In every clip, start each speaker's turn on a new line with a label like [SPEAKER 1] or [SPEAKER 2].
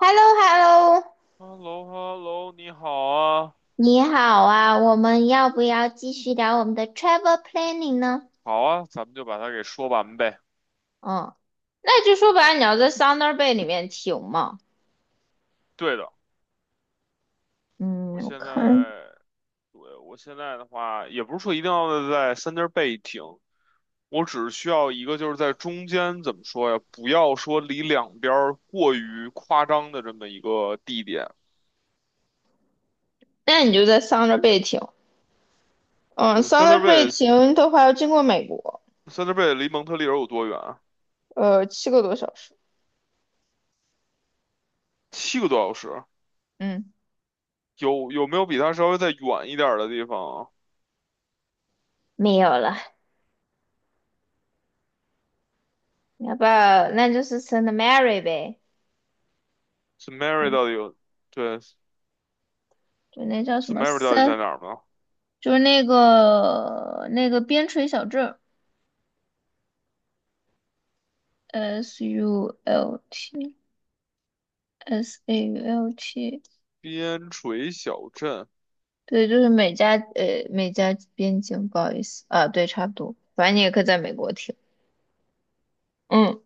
[SPEAKER 1] h e l l o HELLO
[SPEAKER 2] h e l l o h e l l o 你好啊，
[SPEAKER 1] 你好啊，我们要不要继续聊我们的 travel planning 呢？
[SPEAKER 2] 好啊，咱们就把它给说完呗。
[SPEAKER 1] 嗯，那就说白了，你要在 Thunder Bay 里面停嘛。
[SPEAKER 2] 对的，我
[SPEAKER 1] 嗯，我
[SPEAKER 2] 现
[SPEAKER 1] 看，
[SPEAKER 2] 在，对，我现在的话，也不是说一定要在 Center Bay 停，我只需要一个就是在中间，怎么说呀？不要说离两边儿过于夸张的这么一个地点。
[SPEAKER 1] 那你就在 Thunder Bay 停。嗯
[SPEAKER 2] 对，Thunder
[SPEAKER 1] ，Thunder Bay
[SPEAKER 2] Bay，Thunder
[SPEAKER 1] 停的话要经过美国。
[SPEAKER 2] Bay 离蒙特利尔有多远啊？
[SPEAKER 1] 呃，七个多小时。
[SPEAKER 2] 七个多小时。
[SPEAKER 1] 嗯，
[SPEAKER 2] 有没有比它稍微再远一点儿的地方啊
[SPEAKER 1] 没有了，要不要那就是 Saint Mary 呗。
[SPEAKER 2] ？Samara
[SPEAKER 1] 哎，
[SPEAKER 2] 到底有？对
[SPEAKER 1] 就那叫什么
[SPEAKER 2] ，Samara
[SPEAKER 1] s
[SPEAKER 2] 到底
[SPEAKER 1] a n
[SPEAKER 2] 在
[SPEAKER 1] t
[SPEAKER 2] 哪儿呢？
[SPEAKER 1] 就是那个边陲小镇，SULT。SAULT，
[SPEAKER 2] 边陲小镇
[SPEAKER 1] 对，就是美加美加边境，不好意思啊，对，差不多，反正你也可以在美国听。嗯，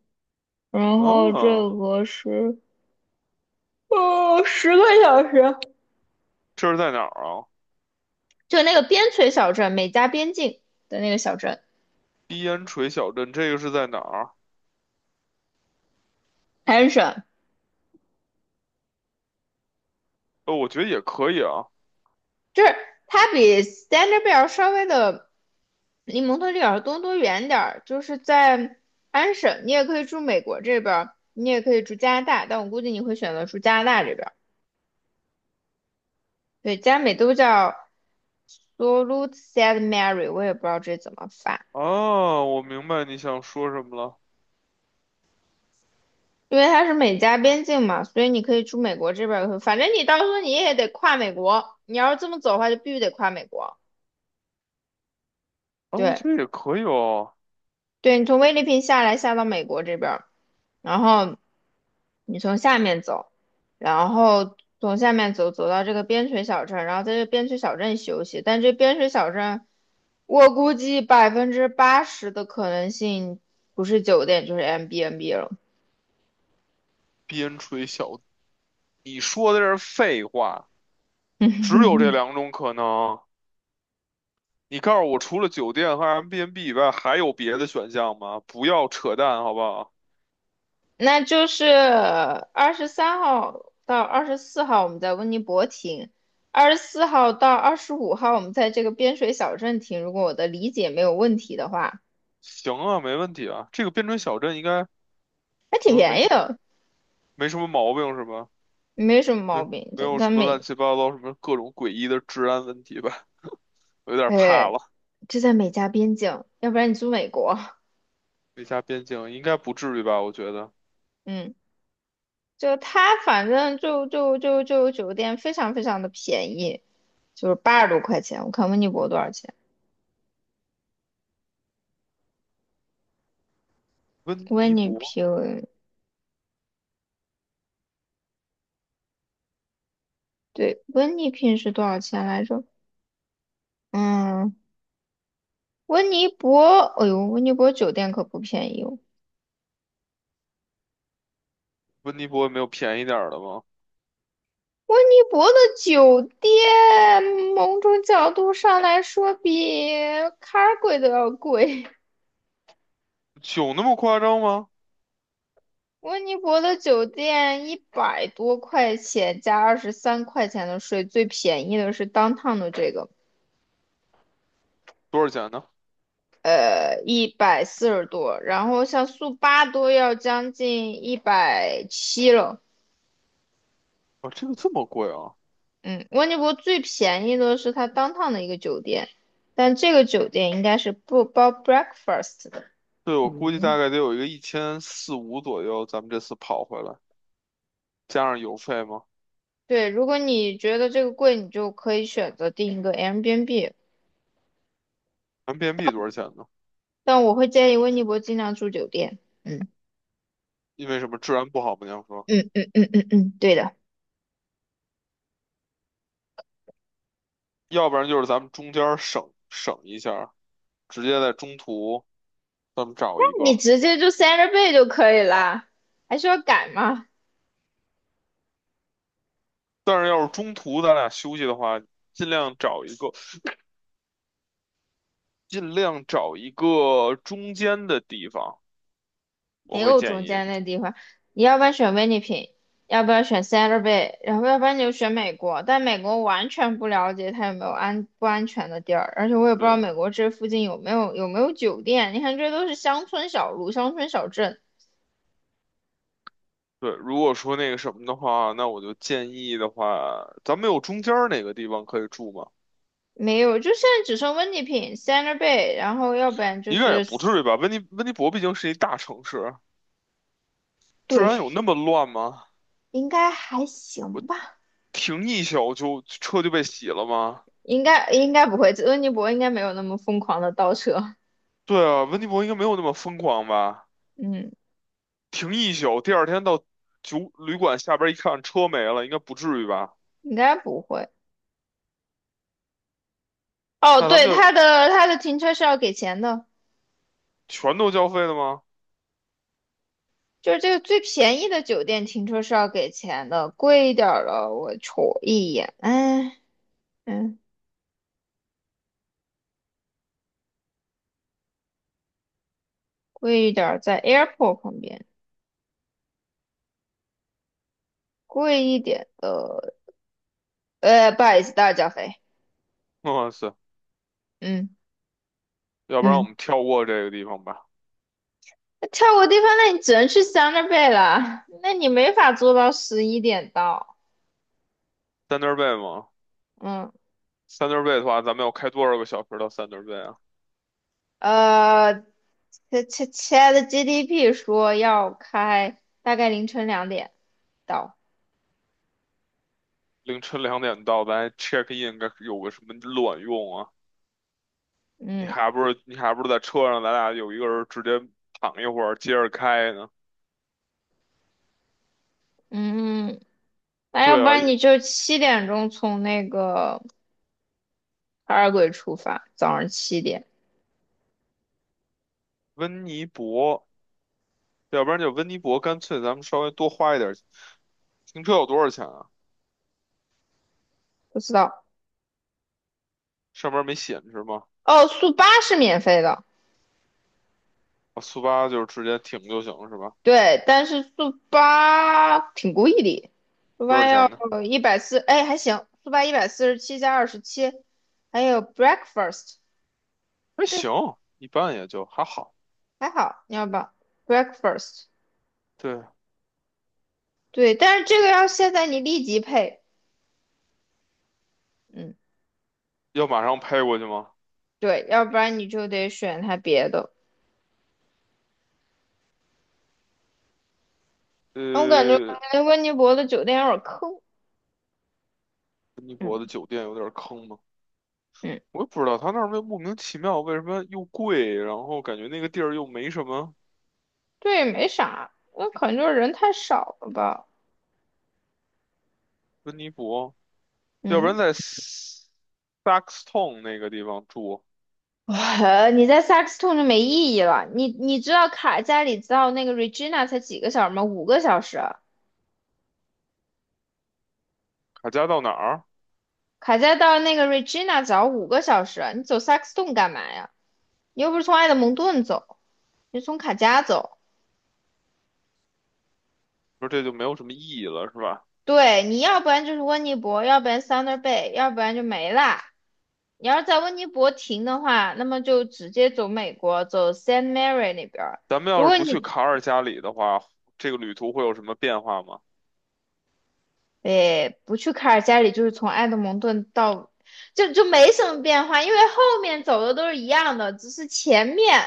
[SPEAKER 1] 然后这
[SPEAKER 2] 啊，
[SPEAKER 1] 个是10个小时，
[SPEAKER 2] 这是在哪儿啊？
[SPEAKER 1] 就那个边陲小镇，美加边境的那个小镇，
[SPEAKER 2] 边陲小镇，这个是在哪儿？
[SPEAKER 1] 安省，
[SPEAKER 2] 哦，我觉得也可以啊。
[SPEAKER 1] 就是它比 Standard Bell 稍微的离蒙特利尔和多伦多远点儿，就是在安省。你也可以住美国这边儿，你也可以住加拿大，但我估计你会选择住加拿大这边。对，加美都叫 Sault SAID Mary，我也不知道这怎么发。
[SPEAKER 2] 啊，我明白你想说什么了。
[SPEAKER 1] 因为它是美加边境嘛，所以你可以出美国这边儿也会，反正你到时候你也得跨美国，你要是这么走的话，就必须得跨美国。
[SPEAKER 2] 啊，我
[SPEAKER 1] 对，
[SPEAKER 2] 觉得也可以哦。
[SPEAKER 1] 对，你从菲律宾下来下到美国这边儿，然后你从下面走，然后从下面走走到这个边陲小镇，然后在这边陲小镇休息，但这边陲小镇，我估计80%的可能性不是酒店就是 MBNB 了。
[SPEAKER 2] 边陲小，你说的这是废话，只有这 两种可能。你告诉我，除了酒店和 MBNB 以外，还有别的选项吗？不要扯淡，好不好？
[SPEAKER 1] 那就是23号到二十四号，我们在温尼伯停；二十四号到25号，我们在这个边水小镇停。如果我的理解没有问题的话，
[SPEAKER 2] 行啊，没问题啊。这个边陲小镇应该什
[SPEAKER 1] 还挺
[SPEAKER 2] 么没
[SPEAKER 1] 便
[SPEAKER 2] 什
[SPEAKER 1] 宜
[SPEAKER 2] 么
[SPEAKER 1] 的，
[SPEAKER 2] 没什么毛病是吧？
[SPEAKER 1] 没什么
[SPEAKER 2] 没
[SPEAKER 1] 毛病。
[SPEAKER 2] 没
[SPEAKER 1] 这
[SPEAKER 2] 有
[SPEAKER 1] 在
[SPEAKER 2] 什么乱
[SPEAKER 1] 美，
[SPEAKER 2] 七八糟，什么各种诡异的治安问题吧，有点怕
[SPEAKER 1] 哎，
[SPEAKER 2] 了。
[SPEAKER 1] 就在美加边境，要不然你住美国。
[SPEAKER 2] 美加边境应该不至于吧？我觉得
[SPEAKER 1] 嗯，就他反正就酒店非常非常的便宜，就是80多块钱。我看温尼伯多少钱？
[SPEAKER 2] 温
[SPEAKER 1] 温
[SPEAKER 2] 尼
[SPEAKER 1] 尼
[SPEAKER 2] 伯，
[SPEAKER 1] 平，对，温尼平是多少钱来着？嗯，温尼伯，哎呦，温尼伯酒店可不便宜哦。
[SPEAKER 2] 温尼伯也没有便宜点儿的吗？
[SPEAKER 1] 温尼伯的酒店，某种角度上来说比卡尔贵都要贵。
[SPEAKER 2] 酒那么夸张吗？
[SPEAKER 1] 温尼伯的酒店100多块钱加23块钱的税，最便宜的是 downtown 的这个。
[SPEAKER 2] 多少钱呢？
[SPEAKER 1] 呃，140多。然后像速八都要将近170了。
[SPEAKER 2] 啊，这个这么贵啊？
[SPEAKER 1] 嗯，温尼伯最便宜的是它当趟的一个酒店，但这个酒店应该是不包 breakfast 的。
[SPEAKER 2] 对，我估计大
[SPEAKER 1] 嗯，
[SPEAKER 2] 概得有一个1400到1500左右，咱们这次跑回来加上邮费吗？
[SPEAKER 1] 对，如果你觉得这个贵，你就可以选择订一个 Airbnb，
[SPEAKER 2] 咱们 b n b 多少钱呢？
[SPEAKER 1] 但我会建议温尼伯尽量住酒店。嗯
[SPEAKER 2] 因为什么治安不好吗？你要说，
[SPEAKER 1] 嗯，对的，
[SPEAKER 2] 要不然就是咱们中间儿省省一下儿直接在中途咱们找一
[SPEAKER 1] 你
[SPEAKER 2] 个。
[SPEAKER 1] 直接就 Santa Bay 就可以啦，还需要改吗？
[SPEAKER 2] 但是要是中途咱俩休息的话，尽量找一个，尽量找一个中间的地方，我
[SPEAKER 1] 没
[SPEAKER 2] 会
[SPEAKER 1] 有
[SPEAKER 2] 建
[SPEAKER 1] 中
[SPEAKER 2] 议。
[SPEAKER 1] 间那地方，你要不然选温尼平，要不然选 Santa Bay，然后要不然你就选美国。但美国完全不了解它有没有安不安全的地儿，而且我也不知道
[SPEAKER 2] 对
[SPEAKER 1] 美国这附近有没有酒店。你看，这都是乡村小路、乡村小镇。
[SPEAKER 2] 对，如果说那个什么的话，那我就建议的话，咱们有中间儿哪个地方可以住吗？
[SPEAKER 1] 没有。就现在只剩温尼平、Santa Bay，然后要不然就
[SPEAKER 2] 应该也
[SPEAKER 1] 是
[SPEAKER 2] 不至于吧。温尼伯毕竟是一大城市，治
[SPEAKER 1] 对。
[SPEAKER 2] 安有那么乱吗？
[SPEAKER 1] 应该还行吧，
[SPEAKER 2] 停一宿就车就被洗了吗？
[SPEAKER 1] 应该不会，温尼伯应该没有那么疯狂的倒车。
[SPEAKER 2] 对啊，温尼伯应该没有那么疯狂吧？
[SPEAKER 1] 嗯，
[SPEAKER 2] 停一宿，第二天到酒旅馆下边一看车没了，应该不至于吧？
[SPEAKER 1] 应该不会。哦，
[SPEAKER 2] 那咱
[SPEAKER 1] 对，
[SPEAKER 2] 们就
[SPEAKER 1] 它的停车是要给钱的，
[SPEAKER 2] 全都交费的吗？
[SPEAKER 1] 就是这个最便宜的酒店停车是要给钱的。贵一点儿的我瞅一眼，哎，嗯，贵一点儿在 airport 旁边，贵一点的。呃，不好意思，大脚肥。
[SPEAKER 2] 哇塞，
[SPEAKER 1] 嗯
[SPEAKER 2] 要不然我
[SPEAKER 1] 嗯，
[SPEAKER 2] 们跳过这个地方吧。
[SPEAKER 1] 那跳过地方，那你只能去 Thunder Bay 了，那你没法做到11点到。
[SPEAKER 2] t h u n 吗
[SPEAKER 1] 嗯，
[SPEAKER 2] Thun 的话，咱们要开多少个小时到 t h u n 啊？
[SPEAKER 1] 呃，亲切切的 GDP 说要开大概凌晨2点到。
[SPEAKER 2] 凌晨2点到，咱 check in 该有个什么卵用啊？你
[SPEAKER 1] 嗯。
[SPEAKER 2] 还不如你还不如在车上，咱俩有一个人直接躺一会儿，接着开呢？
[SPEAKER 1] 嗯，那要
[SPEAKER 2] 对
[SPEAKER 1] 不
[SPEAKER 2] 啊，
[SPEAKER 1] 然
[SPEAKER 2] 也
[SPEAKER 1] 你就七点钟从那个海尔鬼出发，早上7点。
[SPEAKER 2] 温尼伯，要不然就温尼伯，干脆咱们稍微多花一点儿。停车有多少钱啊？
[SPEAKER 1] 不知道。
[SPEAKER 2] 上面没显示吗？
[SPEAKER 1] 哦，速八是免费的。
[SPEAKER 2] 啊，速八就是直接停就行了是吧？
[SPEAKER 1] 对，但是速八挺贵的，速
[SPEAKER 2] 多少
[SPEAKER 1] 八要
[SPEAKER 2] 钱呢？
[SPEAKER 1] 一百四。哎，还行，速八147加27，还有 breakfast。
[SPEAKER 2] 还行，
[SPEAKER 1] 对，
[SPEAKER 2] 一般也就还好。
[SPEAKER 1] 还好。你要不要 breakfast？
[SPEAKER 2] 对，
[SPEAKER 1] 对，但是这个要现在你立即配。嗯，
[SPEAKER 2] 要马上拍过去吗？
[SPEAKER 1] 对，要不然你就得选它别的。我感觉
[SPEAKER 2] 呃，
[SPEAKER 1] 温尼伯的酒店有点坑。
[SPEAKER 2] 温尼
[SPEAKER 1] 嗯。
[SPEAKER 2] 伯的酒店有点坑吗？
[SPEAKER 1] 嗯，
[SPEAKER 2] 我也不知道他那儿为莫名其妙为什么又贵，然后感觉那个地儿又没什么
[SPEAKER 1] 对，没啥，那可能就是人太少了吧。
[SPEAKER 2] 温尼伯，要不然
[SPEAKER 1] 嗯，
[SPEAKER 2] 在 Saxton 那个地方住，
[SPEAKER 1] 哇，你在萨克斯T 就没意义了。你知道卡加里到那个 Regina 才几个小时吗？5个小时。
[SPEAKER 2] 卡加到哪儿？
[SPEAKER 1] 卡加到那个 Regina 只要五个小时，你走萨克斯 t 干嘛呀？你又不是从埃德蒙顿走，你是从卡加走。
[SPEAKER 2] 说这就没有什么意义了，是吧？
[SPEAKER 1] 对，你要不然就是温尼伯，要不然 Thunder Bay，要不然就没啦。你要是在温尼伯停的话，那么就直接走美国，走 Saint Mary 那边儿。
[SPEAKER 2] 咱们
[SPEAKER 1] 如
[SPEAKER 2] 要是
[SPEAKER 1] 果
[SPEAKER 2] 不去
[SPEAKER 1] 你，
[SPEAKER 2] 卡尔加里的话，这个旅途会有什么变化吗？
[SPEAKER 1] 诶，不去卡尔加里，就是从埃德蒙顿到，就没什么变化，因为后面走的都是一样的，只是前面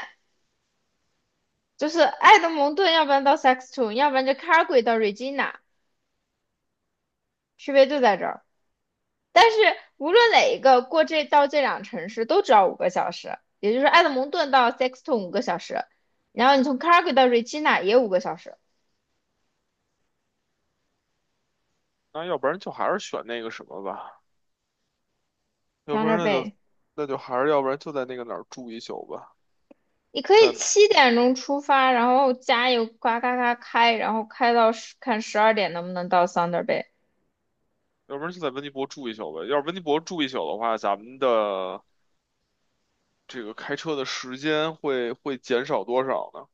[SPEAKER 1] 就是埃德蒙顿，要不然到 Saxton，要不然就 c a l g a y 到 Regina，区别就在这儿。但是无论哪一个过这到这两城市都只要五个小时，也就是埃德蒙顿到 Saxton 五个小时，然后你从 c a l g a y 到 Regina 也五个小时，
[SPEAKER 2] 那要不然就还是选那个什么吧，要
[SPEAKER 1] 在
[SPEAKER 2] 不
[SPEAKER 1] 那
[SPEAKER 2] 然
[SPEAKER 1] 儿
[SPEAKER 2] 那就
[SPEAKER 1] 背。
[SPEAKER 2] 那就还是要不然就在那个哪儿住一宿吧，
[SPEAKER 1] 你可以
[SPEAKER 2] 在
[SPEAKER 1] 七点钟出发，然后加油，呱嘎嘎开，然后开到十，看12点能不能到 Thunder Bay。
[SPEAKER 2] 要不然就在温尼伯住一宿呗。要是温尼伯住一宿的话，咱们的这个开车的时间会减少多少呢？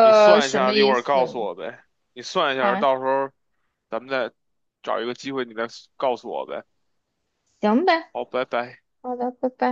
[SPEAKER 2] 你算一
[SPEAKER 1] 什么
[SPEAKER 2] 下，一会
[SPEAKER 1] 意
[SPEAKER 2] 儿告
[SPEAKER 1] 思？
[SPEAKER 2] 诉我呗。你算一下，
[SPEAKER 1] 啊，
[SPEAKER 2] 到时候咱们再找一个机会，你再告诉我呗。
[SPEAKER 1] 行呗，
[SPEAKER 2] 好，拜拜。
[SPEAKER 1] 好的，拜拜。